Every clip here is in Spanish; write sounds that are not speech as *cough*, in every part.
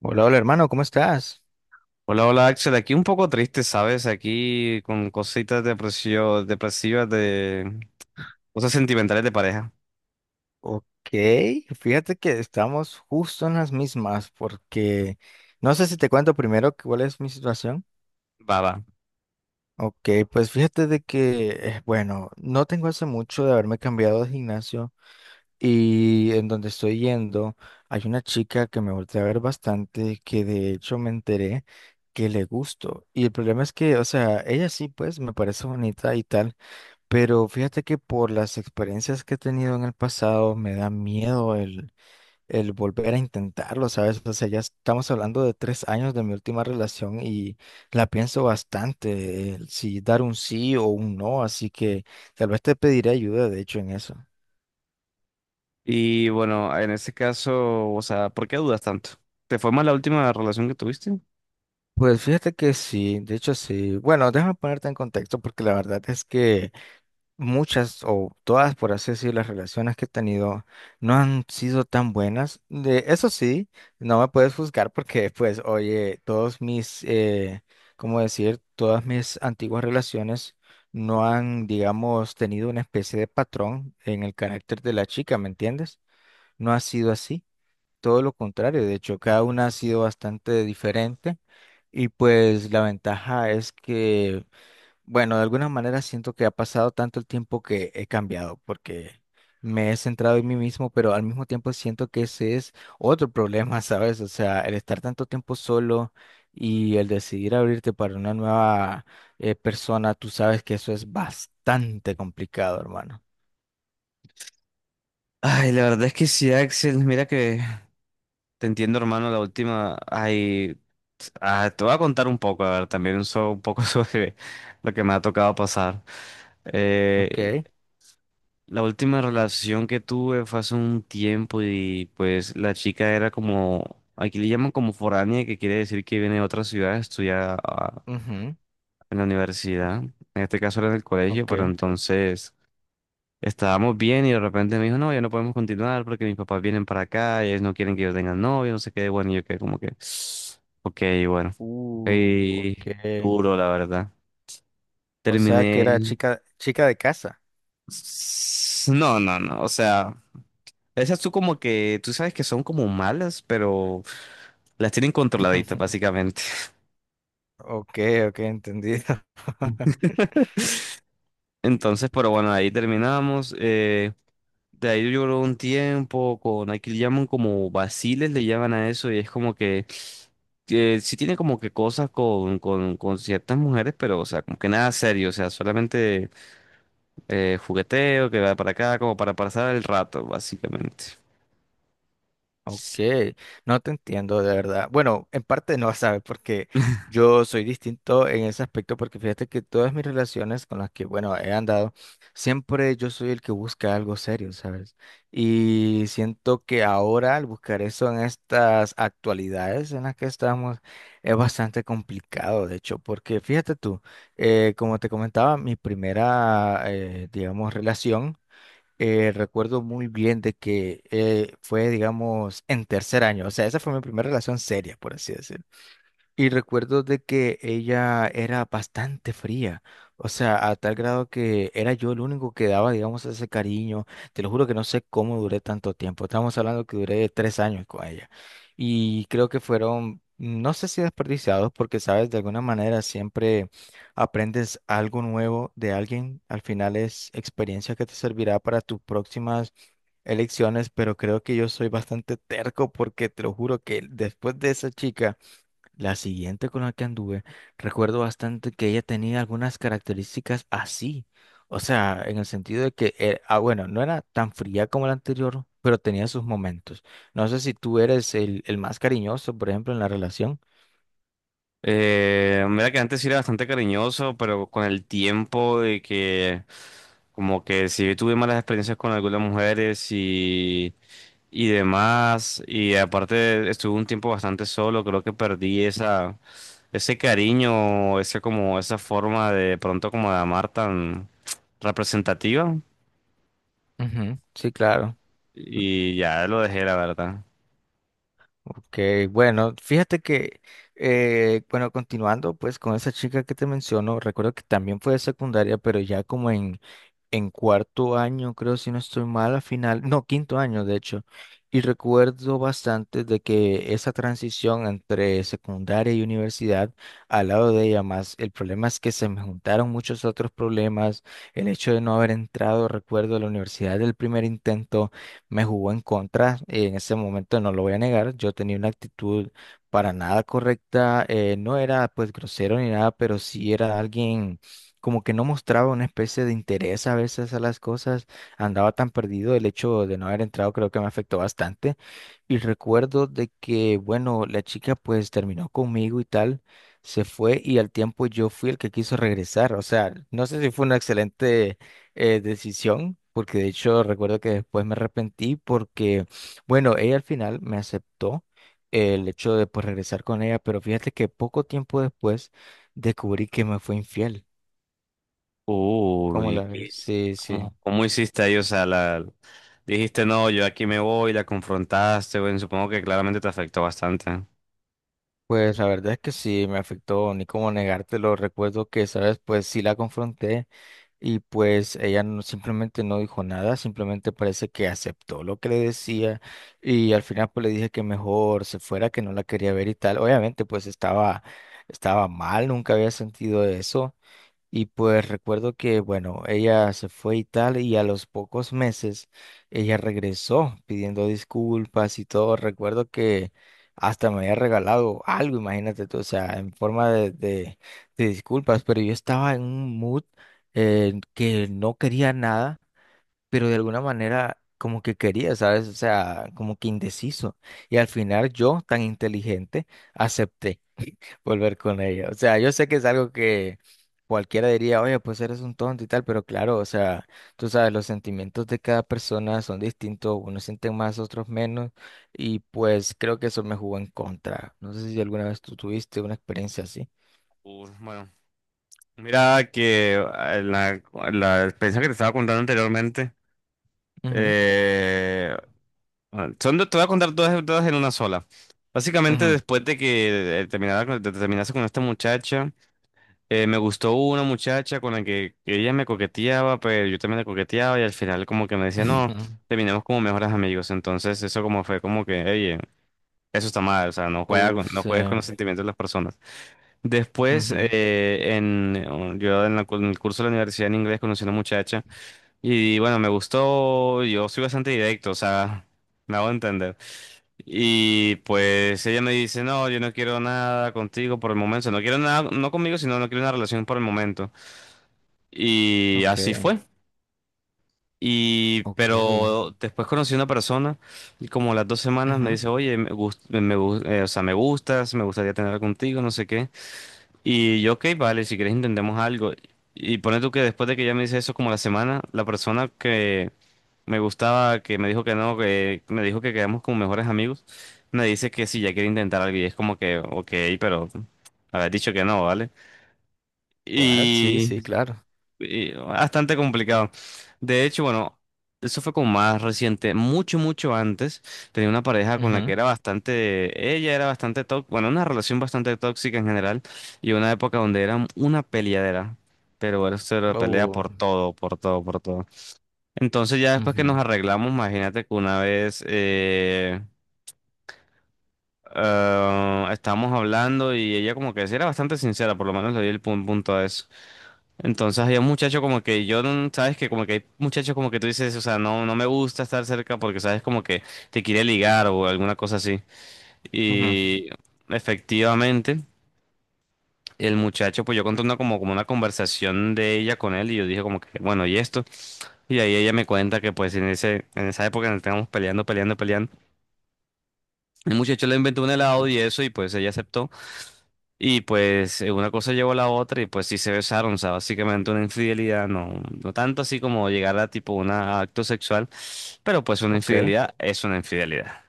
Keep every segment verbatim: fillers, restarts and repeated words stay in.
Hola, hola hermano, ¿cómo estás? Hola, hola Axel, aquí un poco triste, ¿sabes? Aquí con cositas depresio- depresivas de cosas sentimentales de pareja. Ok, fíjate que estamos justo en las mismas porque no sé si te cuento primero que- cuál es mi situación. Va, va. Ok, pues fíjate de que, eh, bueno, no tengo hace mucho de haberme cambiado de gimnasio y en donde estoy yendo hay una chica que me volteé a ver bastante que de hecho me enteré que le gusto y el problema es que, o sea, ella sí pues me parece bonita y tal. Pero fíjate que por las experiencias que he tenido en el pasado me da miedo el, el volver a intentarlo, ¿sabes? O sea, ya estamos hablando de tres años de mi última relación y la pienso bastante, el si dar un sí o un no, así que tal vez te pediré ayuda, de hecho, en eso. Y bueno, en este caso, o sea, ¿por qué dudas tanto? ¿Te fue mal la última relación que tuviste? Pues fíjate que sí, de hecho sí. Bueno, déjame ponerte en contexto porque la verdad es que muchas o todas, por así decir, las relaciones que he tenido no han sido tan buenas. De, eso sí, no me puedes juzgar porque, pues, oye, todos mis, eh, ¿cómo decir? Todas mis antiguas relaciones no han, digamos, tenido una especie de patrón en el carácter de la chica, ¿me entiendes? No ha sido así, todo lo contrario. De hecho, cada una ha sido bastante diferente. Y pues la ventaja es que bueno, de alguna manera siento que ha pasado tanto el tiempo que he cambiado, porque me he centrado en mí mismo, pero al mismo tiempo siento que ese es otro problema, *laughs* ¿sabes? O sea, el estar tanto tiempo solo y el decidir abrirte para una nueva eh, persona, tú sabes que eso es bastante complicado, hermano. Ay, la verdad es que sí, Axel, mira que te entiendo, hermano, la última. Ay, ah, te voy a contar un poco, a ver, también so- un poco *laughs* sobre lo que me ha tocado pasar. Ok, La última relación que tuve fue hace un tiempo y pues la chica era como, aquí le llaman como foránea, que quiere decir que viene de otra ciudad, estudia ah, ujú, en la universidad, en este caso era en el colegio, pero ok. entonces estábamos bien y de repente me dijo, no, ya no podemos continuar porque mis papás vienen para acá, y ellos no quieren que yo tenga novio, no sé qué, bueno, y yo quedé como que, *sniffs* *sighs* ok, bueno, Uh, ok. y duro la verdad. O sea que era Terminé, chica, chica de casa. s- no, no, no, o sea... Esas tú como que, tú sabes que son como malas, pero las tienen controladitas *laughs* básicamente. Ok, ok, entendido. *laughs* *laughs* Entonces, pero bueno, ahí terminamos. Eh, de ahí lloró un tiempo con, aquí le llaman como vaciles, le llaman a eso, y es como que eh, sí tiene como que cosas con, con, con ciertas mujeres, pero o sea, como que nada serio, o sea, solamente eh, jugueteo que va para acá, como para pasar el rato, básicamente. Ok, no te entiendo de verdad. Bueno, en parte no, ¿sabes? Porque yo soy distinto en ese aspecto, porque fíjate que todas mis relaciones con las que, bueno, he andado, siempre yo soy el que busca algo serio, ¿sabes? Y siento que ahora al buscar eso en estas actualidades en las que estamos es bastante complicado, de hecho, porque fíjate tú, eh, como te comentaba, mi primera, eh, digamos, relación eh, recuerdo muy bien de que eh, fue, digamos, en tercer año. O sea, esa fue mi primera relación seria, por así decirlo. Y recuerdo de que ella era bastante fría, o sea, a tal grado que era yo el único que daba, digamos, ese cariño. Te lo juro que no sé cómo duré tanto tiempo. Estamos hablando que duré tres años con ella. Y creo que fueron, no sé si desperdiciados, porque, sabes, de alguna manera siempre aprendes algo nuevo de alguien. Al final es experiencia que te servirá para tus próximas elecciones, pero creo que yo soy bastante terco porque te lo juro que después de esa chica... La siguiente con la que anduve, recuerdo bastante que ella tenía algunas características así. O sea, en el sentido de que, eh, ah, bueno, no era tan fría como la anterior, pero tenía sus momentos. No sé si tú eres el, el más cariñoso, por ejemplo, en la relación. Eh, mira que antes sí era bastante cariñoso, pero con el tiempo de que como que sí tuve malas experiencias con algunas mujeres y, y demás, y aparte estuve un tiempo bastante solo, creo que perdí esa, ese cariño, ese como, esa forma de pronto como de amar tan representativa, Ujú. Sí, claro. y ya lo dejé, la verdad. Ok, bueno, fíjate que, eh, bueno, continuando pues con esa chica que te menciono, recuerdo que también fue de secundaria, pero ya como en, en cuarto año, creo si no estoy mal, al final, no, quinto año de hecho, y recuerdo bastante de que esa transición entre secundaria y universidad, al lado de ella más, el problema es que se me juntaron muchos otros problemas, el hecho de no haber entrado, recuerdo, a la universidad del primer intento me jugó en contra. Eh, en ese momento no lo voy a negar, yo tenía una actitud para nada correcta, eh, no era pues grosero ni nada, pero sí era alguien como que no mostraba una especie de interés a veces a las cosas, andaba tan perdido, el hecho de no haber entrado creo que me afectó bastante. Y recuerdo de que, bueno, la chica pues terminó conmigo y tal, se fue y al tiempo yo fui el que quiso regresar. O sea, no sé si fue una excelente eh, decisión, porque de hecho recuerdo que después me arrepentí porque, bueno, ella al final me aceptó eh, el hecho de pues regresar con ella, pero fíjate que poco tiempo después descubrí que me fue infiel. ¿Cómo Uy, la ¿qué- ves? es? Sí, sí. ¿Cómo, cómo hiciste ahí? O sea, la, dijiste, no, yo aquí me voy, la confrontaste, bueno, supongo que claramente te afectó bastante. Pues la verdad es que sí me afectó, ni cómo negártelo. Recuerdo que, sabes, pues sí la confronté y pues ella no- simplemente no dijo nada, simplemente parece que aceptó lo que le decía y al final pues le dije que mejor se fuera, que no la quería ver y tal. Obviamente pues estaba, estaba mal, nunca había sentido eso. Y pues recuerdo que, bueno, ella se fue y tal, y a los pocos meses ella regresó pidiendo disculpas y todo. Recuerdo que hasta me había regalado algo, imagínate tú, o sea, en forma de, de, de disculpas, pero yo estaba en un mood eh, que no quería nada, pero de alguna manera como que quería, ¿sabes? O sea, como que indeciso. Y al final yo, tan inteligente, acepté volver con ella. O sea, yo sé que es algo que cualquiera diría, oye, pues eres un tonto y tal, pero claro, o sea, tú sabes, los sentimientos de cada persona son distintos, unos sienten más, otros menos, y pues creo que eso me jugó en contra. No sé si alguna vez tú tuviste una experiencia así. Uh, bueno, mira que eh, la, la experiencia que te estaba contando anteriormente, Ujú, eh, bueno, son, dos- te voy a contar todas, todas en una sola. Básicamente, ujú, después de que eh, terminara con- te- te terminaste con esta muchacha. Eh, me gustó una muchacha con la que ella me coqueteaba, pero yo también le coqueteaba y al final como que me decía, *laughs* no, ujú. terminemos como mejores amigos. Entonces eso como fue como que, oye, eso está mal, o sea, no juega con- Uf, no sí. juegues con los sentimientos de las personas. Después, Ujú, eh, en, yo en, la cu- en el curso de la universidad en inglés conocí a una muchacha y bueno, me gustó, yo soy bastante directo, o sea, *laughs* me hago entender. Y pues ella me dice, no, yo no quiero nada contigo por el momento, o sea, no quiero nada, no conmigo, sino no quiero una relación por el momento. Y ok, así fue. Y ok. pero después conocí una persona y como a las dos semanas me Ujú. dice, oye, me gust- me gu- eh, o sea, me gustas, me gustaría tener contigo, no sé qué. Y yo, ok, vale, si quieres intentemos algo. Y pone tú que después de que ella me dice eso como a la semana, la persona que me gustaba, que me dijo que no, que me dijo que quedamos como mejores amigos, me dice que si ya quiere intentar algo y es como que, ok, pero haber dicho que no, ¿vale? What? Sí, sí, claro. Y bastante complicado. De hecho, bueno, eso fue como más reciente, mucho, mucho antes. Tenía una pareja con la que Ujú. era bastante, ella era bastante tóxica, bueno, una relación bastante tóxica en general, y una época donde era una peleadera. Pero era cero de pelea Oh, por todo, por todo, por todo. Entonces ya después que ujú, nos arreglamos, imagínate que una vez eh, ah, estábamos hablando y ella como que sí era bastante sincera, por lo menos le di el pun- punto a eso. Entonces había un muchacho como que yo, no- sabes que como que hay muchachos como que tú dices, o sea, no, no me gusta estar cerca porque sabes como que te quiere ligar o alguna cosa así. ujú, Y efectivamente, el muchacho, pues yo conté una, como, como una conversación de ella con él y yo dije como que, bueno, ¿y esto? Y ahí ella me cuenta que pues en ese, en esa época nos estábamos peleando, peleando, peleando. El muchacho le inventó un helado y eso, y pues ella aceptó. Y pues eh, una cosa llevó a la otra y pues sí se besaron, o sea, básicamente una infidelidad, no, no tanto así como llegar a tipo un acto sexual, pero pues una ok. infidelidad es una infidelidad.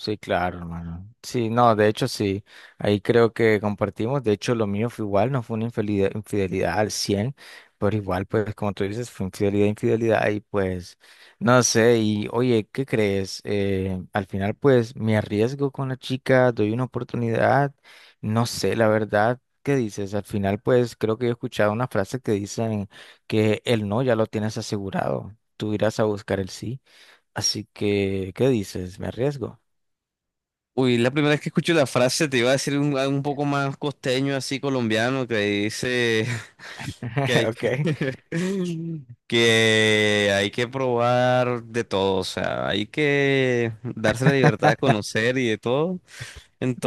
Sí, claro, hermano. Sí, no, de hecho sí, ahí creo que compartimos, de hecho lo mío fue igual, no fue una infidelidad, infidelidad al cien, pero igual pues como tú dices, fue infidelidad, infidelidad y pues no sé, y oye, ¿qué crees? Eh, al final pues me arriesgo con la chica, doy una oportunidad, no sé, la verdad, ¿qué dices? Al final pues creo que he escuchado una frase que dicen que el no ya lo tienes asegurado, tú irás a buscar el sí, así que, ¿qué dices? ¿Me arriesgo? Uy, la primera vez que escucho la frase te iba a decir un, un poco más costeño, así colombiano, que dice *laughs* que *laughs* hay, Okay, *laughs* que hay que probar de todo, o sea, hay que darse la libertad de conocer y de todo.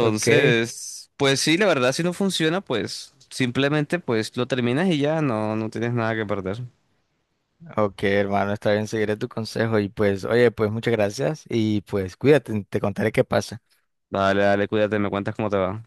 okay, pues sí, la verdad, si no funciona, pues simplemente pues lo terminas y ya no, no tienes nada que perder. okay, hermano, está bien, seguiré tu consejo y pues, oye, pues muchas gracias y pues cuídate, te contaré qué pasa. Dale, dale, cuídate, me cuentas cómo te va.